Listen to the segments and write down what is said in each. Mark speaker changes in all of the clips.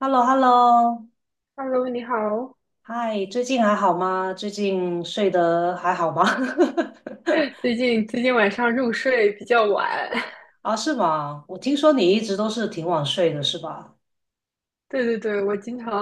Speaker 1: h e l l o h e l l o
Speaker 2: Hello，你好。
Speaker 1: 嗨，最近还好吗？最近睡得还好吗？
Speaker 2: 最近晚上入睡比较晚。
Speaker 1: 啊，是吗？我听说你一直都是挺晚睡的，是吧？
Speaker 2: 对对对，我经常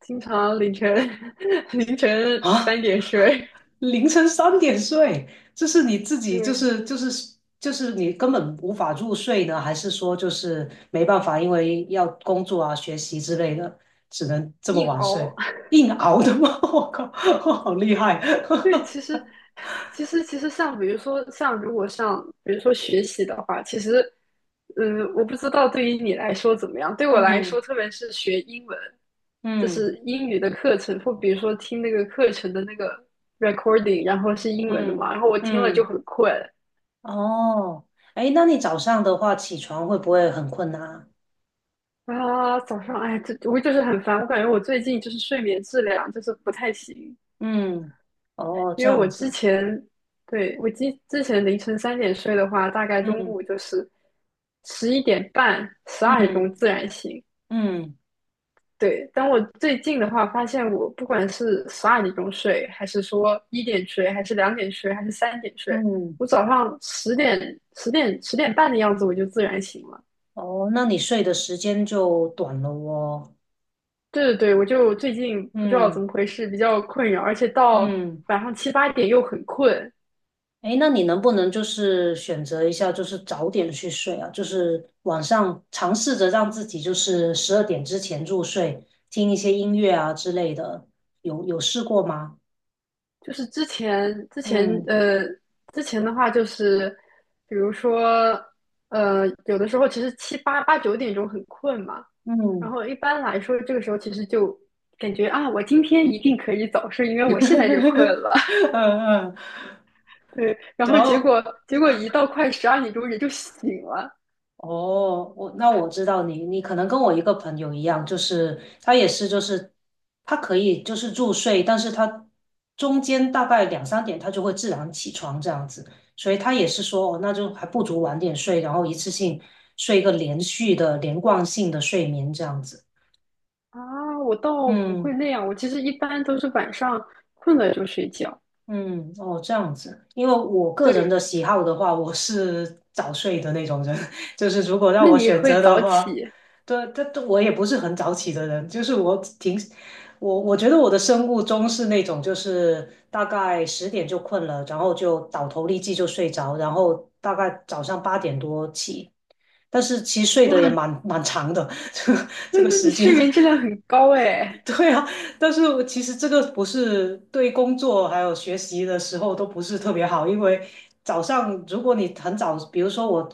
Speaker 2: 经常凌晨 凌晨
Speaker 1: 啊，
Speaker 2: 3点睡。
Speaker 1: 凌晨三点睡，这是你自 己就
Speaker 2: 对，
Speaker 1: 是就是就是你根本无法入睡呢，还是说就是没办法，因为要工作啊、学习之类的，只能这么
Speaker 2: 硬
Speaker 1: 晚
Speaker 2: 熬。
Speaker 1: 睡，硬熬的吗？我靠，好厉害！
Speaker 2: 对，其实 其实其实像比如说像如果像比如说学习的话，其实我不知道对于你来说怎么样。对我来
Speaker 1: 嗯
Speaker 2: 说，特别是学英文，就
Speaker 1: 嗯
Speaker 2: 是英语的课程，或比如说听那个课程的那个 recording，然后是英文的
Speaker 1: 嗯
Speaker 2: 嘛，然后我听了就
Speaker 1: 嗯。
Speaker 2: 很困。
Speaker 1: 哦，哎，那你早上的话起床会不会很困难啊？
Speaker 2: 啊，早上，哎，这我就是很烦，我感觉我最近就是睡眠质量就是不太行。
Speaker 1: 嗯，哦，
Speaker 2: 因
Speaker 1: 这
Speaker 2: 为我
Speaker 1: 样
Speaker 2: 之
Speaker 1: 子，
Speaker 2: 前，对，我之前凌晨三点睡的话，大概中
Speaker 1: 嗯
Speaker 2: 午就是11点半、十二点
Speaker 1: 嗯
Speaker 2: 钟自然醒。
Speaker 1: 嗯
Speaker 2: 对，但我最近的话，发现我不管是十二点钟睡，还是说一点睡，还是2点睡，还是三点睡，
Speaker 1: 嗯，
Speaker 2: 我早上10点、10点、10点半的样子我就自然醒了。
Speaker 1: 哦，那你睡的时间就短了哦。
Speaker 2: 对对对，我就最近不知道怎
Speaker 1: 嗯
Speaker 2: 么回事，比较困扰，而且到
Speaker 1: 嗯，
Speaker 2: 晚上7、8点又很困。
Speaker 1: 哎，那你能不能就是选择一下，就是早点去睡啊？就是晚上尝试着让自己就是十二点之前入睡，听一些音乐啊之类的，有试过吗？
Speaker 2: 就是之前之前
Speaker 1: 嗯
Speaker 2: 呃之前的话，就是比如说有的时候其实7、8、8、9点很困嘛。然
Speaker 1: 嗯
Speaker 2: 后一般来说这个时候其实就感觉啊，我今天一定可以早睡，因为我现在就困了。
Speaker 1: 嗯嗯，
Speaker 2: 对，然后
Speaker 1: 然
Speaker 2: 结
Speaker 1: 后
Speaker 2: 果结果一到快十二点钟人就醒了。
Speaker 1: 哦，那我知道你，你可能跟我一个朋友一样，就是他也是，就是他可以就是入睡，但是他中间大概两三点他就会自然起床这样子，所以他也是说，哦，那就还不如晚点睡，然后一次性睡一个连续的连贯性的睡眠这样子。
Speaker 2: 啊！我倒不会
Speaker 1: 嗯
Speaker 2: 那样，我其实一般都是晚上困了就睡觉。
Speaker 1: 嗯，哦，这样子，因为我个
Speaker 2: 对，
Speaker 1: 人的喜好的话，我是早睡的那种人，就是如果让
Speaker 2: 那
Speaker 1: 我
Speaker 2: 你
Speaker 1: 选
Speaker 2: 会
Speaker 1: 择的
Speaker 2: 早
Speaker 1: 话，
Speaker 2: 起？
Speaker 1: 对，但我也不是很早起的人，就是我挺，我觉得我的生物钟是那种，就是大概十点就困了，然后就倒头立即就睡着，然后大概早上八点多起，但是其实睡
Speaker 2: 哇，
Speaker 1: 得也蛮长的，这个
Speaker 2: 那
Speaker 1: 这个
Speaker 2: 那你
Speaker 1: 时间，
Speaker 2: 睡眠质量很高 哎。
Speaker 1: 对啊，但是我其实这个不是对工作还有学习的时候都不是特别好，因为早上如果你很早，比如说我，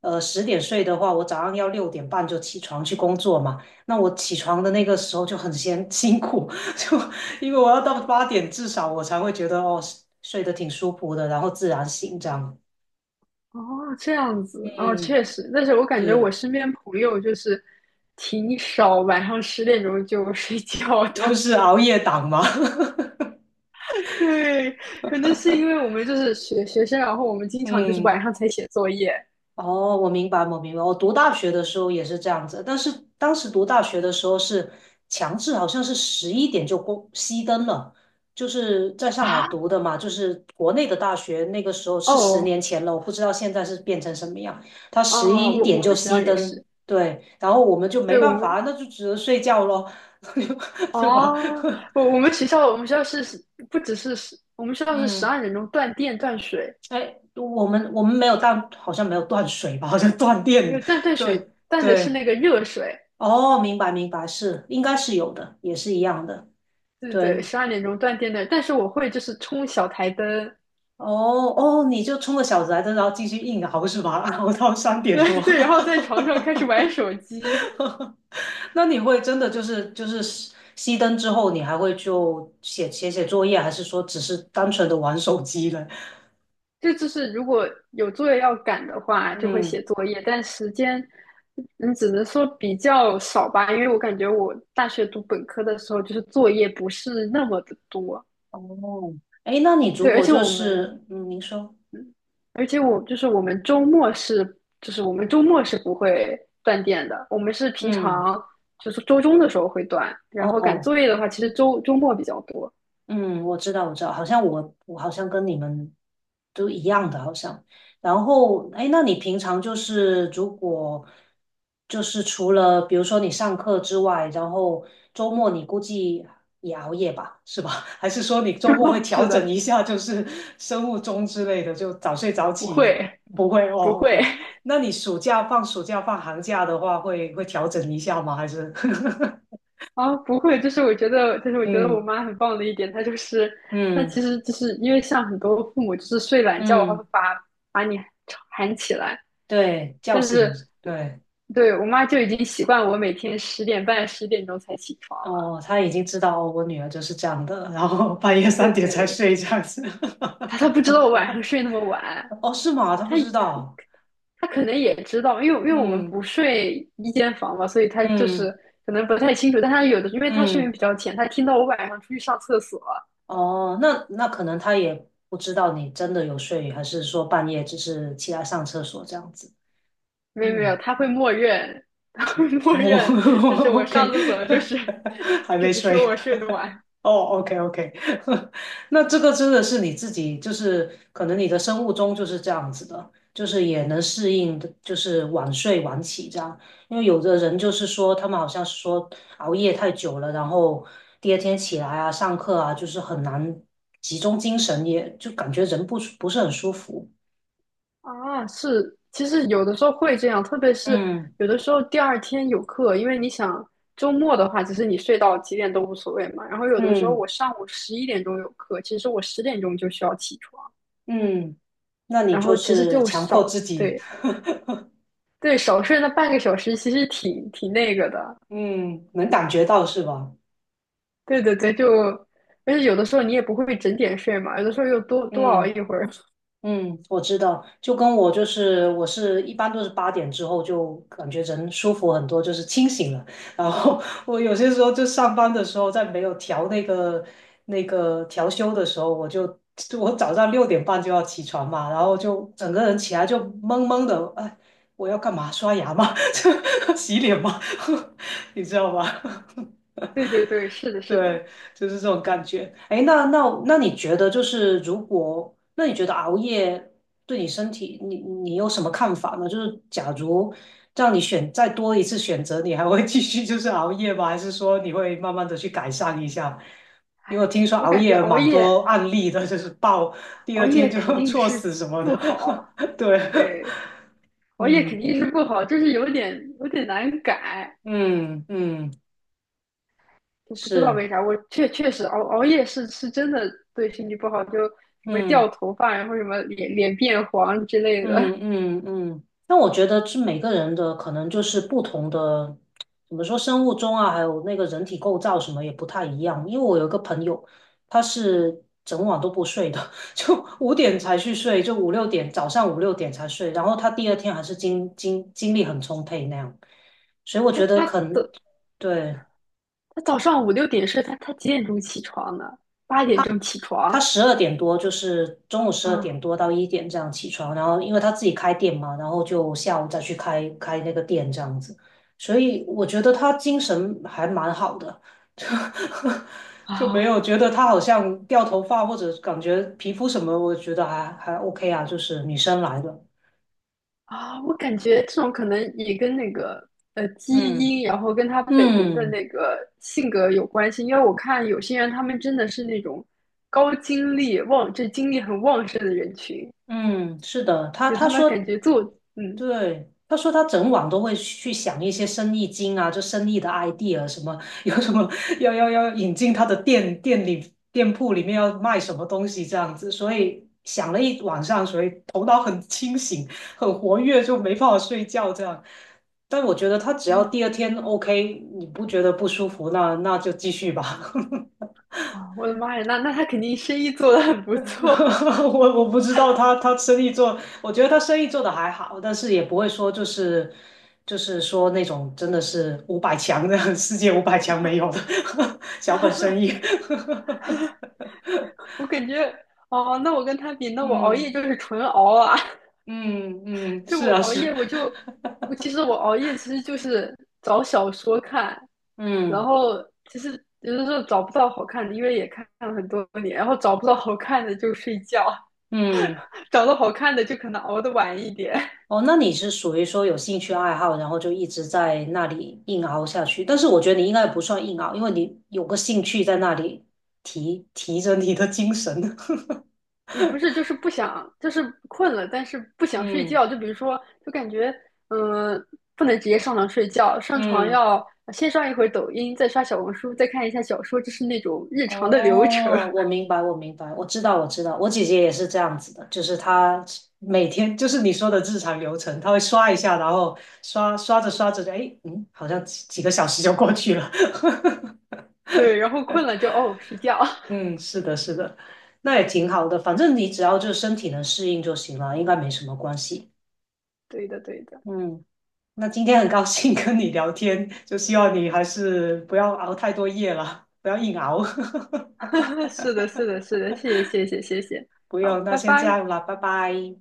Speaker 1: 十点睡的话，我早上要六点半就起床去工作嘛，那我起床的那个时候就很先 辛苦，就因为我要到八点至少我才会觉得哦睡得挺舒服的，然后自然醒这样。
Speaker 2: 哦，这样子哦，
Speaker 1: 嗯，
Speaker 2: 确实，但是我感觉我
Speaker 1: 是，
Speaker 2: 身边朋友就是挺少晚上十点钟就睡觉的。
Speaker 1: 都是熬夜党嘛。
Speaker 2: 对，可能是因为我们就是学生，然后我们经常就是
Speaker 1: 嗯。
Speaker 2: 晚上才写作业
Speaker 1: 哦，我明白，我明白。我读大学的时候也是这样子，但是当时读大学的时候是强制，好像是十一点就关熄灯了。就是在上海
Speaker 2: 啊。
Speaker 1: 读的嘛，就是国内的大学，那个时候是十
Speaker 2: 哦
Speaker 1: 年前了，我不知道现在是变成什么样。他十
Speaker 2: 哦，
Speaker 1: 一
Speaker 2: 我
Speaker 1: 点
Speaker 2: 我
Speaker 1: 就
Speaker 2: 们学校
Speaker 1: 熄
Speaker 2: 也
Speaker 1: 灯，
Speaker 2: 是，
Speaker 1: 对，然后我们就没
Speaker 2: 对我
Speaker 1: 办
Speaker 2: 们，
Speaker 1: 法，那就只能睡觉咯，对吧？
Speaker 2: 哦，我们学校是不只是十，我们学校是十
Speaker 1: 嗯，
Speaker 2: 二点钟断电断水。
Speaker 1: 哎，我们没有断，好像没有断水吧，好像断
Speaker 2: 没
Speaker 1: 电，
Speaker 2: 有断断
Speaker 1: 对
Speaker 2: 水，断的是
Speaker 1: 对。
Speaker 2: 那个热水。
Speaker 1: 哦，明白明白，是应该是有的，也是一样的。
Speaker 2: 对对对，
Speaker 1: 对，
Speaker 2: 十二点钟断电的。但是我会就是冲小台灯。
Speaker 1: 哦哦，你就冲个小子来着，然后继续硬熬是吧？熬到三 点多。
Speaker 2: 对 对，然后在床上开始玩手机。
Speaker 1: 那你会真的就是熄灯之后，你还会就写作业，还是说只是单纯的玩手机呢？
Speaker 2: 这就是如果有作业要赶的话，就会
Speaker 1: 嗯，
Speaker 2: 写作业，但时间你只能说比较少吧。因为我感觉我大学读本科的时候，就是作业不是那么的多。
Speaker 1: 哦，哎，那你如
Speaker 2: 对，而
Speaker 1: 果
Speaker 2: 且
Speaker 1: 就
Speaker 2: 我们
Speaker 1: 是嗯，您说，
Speaker 2: 而且我就是我们周末是不会断电的，我们是平
Speaker 1: 嗯。
Speaker 2: 常就是周中的时候会断。然后赶
Speaker 1: 哦。
Speaker 2: 作业的话，其实周末比较多。
Speaker 1: 嗯，我知道，我知道，好像我好像跟你们都一样的，好像。然后，哎，那你平常就是如果就是除了比如说你上课之外，然后周末你估计也熬夜吧，是吧？还是说你 周末会
Speaker 2: 哦
Speaker 1: 调
Speaker 2: 是
Speaker 1: 整
Speaker 2: 的。
Speaker 1: 一下，就是生物钟之类的，就早睡早
Speaker 2: 不
Speaker 1: 起？
Speaker 2: 会，
Speaker 1: 不会
Speaker 2: 不
Speaker 1: 哦
Speaker 2: 会。
Speaker 1: ，OK。那你暑假放暑假放寒假的话，会调整一下吗？还是？
Speaker 2: 啊，不会。就是我觉得，我
Speaker 1: 嗯
Speaker 2: 妈很棒的一点，她就是她
Speaker 1: 嗯
Speaker 2: 其实就是因为像很多父母就是睡懒觉的话，
Speaker 1: 嗯。
Speaker 2: 会把你喊起来，
Speaker 1: 对，叫
Speaker 2: 但
Speaker 1: 醒，
Speaker 2: 是
Speaker 1: 对，
Speaker 2: 对我妈就已经习惯我每天10点半、10点才起床了。
Speaker 1: 哦，他已经知道哦我女儿就是这样的，然后半夜三
Speaker 2: 对
Speaker 1: 点才
Speaker 2: 对，
Speaker 1: 睡这样子。
Speaker 2: 他不知道我晚上睡那么晚，
Speaker 1: 哦，是吗？他
Speaker 2: 他
Speaker 1: 不知
Speaker 2: 可
Speaker 1: 道。
Speaker 2: 他可能也知道，因为我们不
Speaker 1: 嗯
Speaker 2: 睡一间房嘛，所以他就是
Speaker 1: 嗯
Speaker 2: 可能不太清楚。但他有的，因为他睡眠
Speaker 1: 嗯，
Speaker 2: 比较浅，他听到我晚上出去上厕所。
Speaker 1: 哦，那那可能他也不知道你真的有睡，还是说半夜只是起来上厕所这样子。
Speaker 2: 没有没有，
Speaker 1: 嗯，
Speaker 2: 他会默认。他会默
Speaker 1: 我
Speaker 2: 认，就是 我上
Speaker 1: OK，
Speaker 2: 厕所就是
Speaker 1: 还
Speaker 2: 就
Speaker 1: 没
Speaker 2: 是说
Speaker 1: 睡。
Speaker 2: 我睡得晚。
Speaker 1: 哦，OK OK，那这个真的是你自己，就是可能你的生物钟就是这样子的，就是也能适应的，就是晚睡晚起这样。因为有的人就是说，他们好像是说熬夜太久了，然后第二天起来啊，上课啊，就是很难集中精神，也就感觉人不是很舒服。
Speaker 2: 啊，是，其实有的时候会这样，特别是
Speaker 1: 嗯
Speaker 2: 有的时候第二天有课，因为你想周末的话，其实你睡到几点都无所谓嘛。然后有的时候
Speaker 1: 嗯
Speaker 2: 我上午11点有课，其实我十点钟就需要起床，
Speaker 1: 嗯，那你
Speaker 2: 然
Speaker 1: 就
Speaker 2: 后其实
Speaker 1: 是
Speaker 2: 就
Speaker 1: 强迫自
Speaker 2: 少，
Speaker 1: 己，
Speaker 2: 对对，少睡那半个小时，其实挺那个的。
Speaker 1: 嗯，能感觉到是吧？
Speaker 2: 对对对，而且有的时候你也不会整点睡嘛，有的时候又多多熬
Speaker 1: 嗯。
Speaker 2: 一会儿。
Speaker 1: 嗯，我知道，就跟我就是我是一般都是八点之后就感觉人舒服很多，就是清醒了。然后 我有些时候就上班的时候，在没有调那个调休的时候，我就就我早上六点半就要起床嘛，然后就整个人起来就懵懵的，哎，我要干嘛？刷牙吗？洗脸吗？你知道吗？
Speaker 2: 对对对，是的，是的，
Speaker 1: 对，就是这种感
Speaker 2: 哎
Speaker 1: 觉。哎，那你觉得就是如果，那你觉得熬夜对你身体，你有什么看法呢？就是假如让你选再多一次选择，你还会继续就是熬夜吗？还是说你会慢慢的去改善一下？因为我听说
Speaker 2: 我
Speaker 1: 熬
Speaker 2: 感觉
Speaker 1: 夜
Speaker 2: 熬
Speaker 1: 蛮多
Speaker 2: 夜
Speaker 1: 案例的，就是爆第
Speaker 2: 熬
Speaker 1: 二
Speaker 2: 夜
Speaker 1: 天就
Speaker 2: 肯 定
Speaker 1: 猝死
Speaker 2: 是
Speaker 1: 什么
Speaker 2: 不
Speaker 1: 的。
Speaker 2: 好，
Speaker 1: 对，
Speaker 2: 对。熬夜肯
Speaker 1: 嗯
Speaker 2: 定是不好，就是有点难改，
Speaker 1: 嗯嗯，
Speaker 2: 就不知道
Speaker 1: 是，
Speaker 2: 为啥。我确实熬夜是真的对身体不好，就什么掉
Speaker 1: 嗯。
Speaker 2: 头发，然后什么脸变黄之类
Speaker 1: 嗯
Speaker 2: 的。
Speaker 1: 嗯嗯，那我觉得是每个人的可能就是不同的，怎么说生物钟啊，还有那个人体构造什么也不太一样。因为我有一个朋友，他是整晚都不睡的，就五点才去睡，就五六点早上五六点才睡，然后他第二天还是精力很充沛那样。所以我
Speaker 2: 他
Speaker 1: 觉得
Speaker 2: 他
Speaker 1: 可能
Speaker 2: 的
Speaker 1: 对。
Speaker 2: 他早上5、6点睡，他几点钟起床呢？八点
Speaker 1: 他。
Speaker 2: 钟起
Speaker 1: 他
Speaker 2: 床
Speaker 1: 十二点多，就是中午十二点
Speaker 2: 啊
Speaker 1: 多到一点这样起床，然后因为他自己开店嘛，然后就下午再去开那个店这样子，所以我觉得他精神还蛮好的，就就没
Speaker 2: 啊！
Speaker 1: 有觉得他好像掉头发或者感觉皮肤什么，我觉得还还 OK 啊，就是女生来的，
Speaker 2: 啊，我感觉这种可能也跟那个基
Speaker 1: 嗯
Speaker 2: 因，然后跟他本人的
Speaker 1: 嗯
Speaker 2: 那个性格有关系。因为我看有些人，他们真的是那种高精力旺，这精力很旺盛的人群，
Speaker 1: 嗯，是的，他
Speaker 2: 就
Speaker 1: 他
Speaker 2: 他们感
Speaker 1: 说
Speaker 2: 觉做，嗯
Speaker 1: 对，他说他整晚都会去想一些生意经啊，就生意的 idea 什么，有什么要引进他的店铺里面要卖什么东西这样子，所以想了一晚上，所以头脑很清醒，很活跃，就没办法睡觉这样。但我觉得他只要
Speaker 2: 嗯，
Speaker 1: 第二天 OK，你不觉得不舒服，那就继续吧。
Speaker 2: 啊，我的妈呀，那他肯定生意做得很不错。
Speaker 1: 我不知道他生意做，我觉得他生意做的还好，但是也不会说就是说那种真的是五百强的 世界五百强没有的 小本生意。
Speaker 2: 我感觉，哦，那我跟他比，那我熬夜
Speaker 1: 嗯
Speaker 2: 就是纯熬啊。
Speaker 1: 嗯嗯，
Speaker 2: 就
Speaker 1: 是
Speaker 2: 我
Speaker 1: 啊
Speaker 2: 熬
Speaker 1: 是，
Speaker 2: 夜，我就我熬夜其实就是找小说看。然
Speaker 1: 嗯
Speaker 2: 后其实有的时候找不到好看的，因为也看了很多年，然后找不到好看的就睡觉。
Speaker 1: 嗯，
Speaker 2: 找到好看的就可能熬得晚一点。
Speaker 1: 哦，那你是属于说有兴趣爱好，然后就一直在那里硬熬下去。但是我觉得你应该不算硬熬，因为你有个兴趣在那里提着你的精神。
Speaker 2: 也不是就是不想，就是困了，但是不 想睡
Speaker 1: 嗯
Speaker 2: 觉，就比如说就感觉嗯、呃不能直接上床睡觉，上床
Speaker 1: 嗯。
Speaker 2: 要先刷一会儿抖音，再刷小红书，再看一下小说，就是那种日常的流程。
Speaker 1: 哦，我 明白，我明白，我知道，我知道，我姐姐也是这样子的，就是她每天就是你说的日常流程，她会刷一下，然后刷着刷着就，哎，嗯，好像几个小时就过去了。
Speaker 2: 对，然后困了就睡觉。
Speaker 1: 嗯，是的，是的，那也挺好的，反正你只要就是身体能适应就行了，应该没什么关系。
Speaker 2: 对的，对的。
Speaker 1: 嗯，那今天很高兴 跟你聊天，就希望你还是不要熬太多夜了，不要硬熬。
Speaker 2: 是的，是的，是的，谢谢，谢谢，谢谢，
Speaker 1: 不
Speaker 2: 好，
Speaker 1: 用，那
Speaker 2: 拜
Speaker 1: 先这
Speaker 2: 拜。
Speaker 1: 样了，拜拜。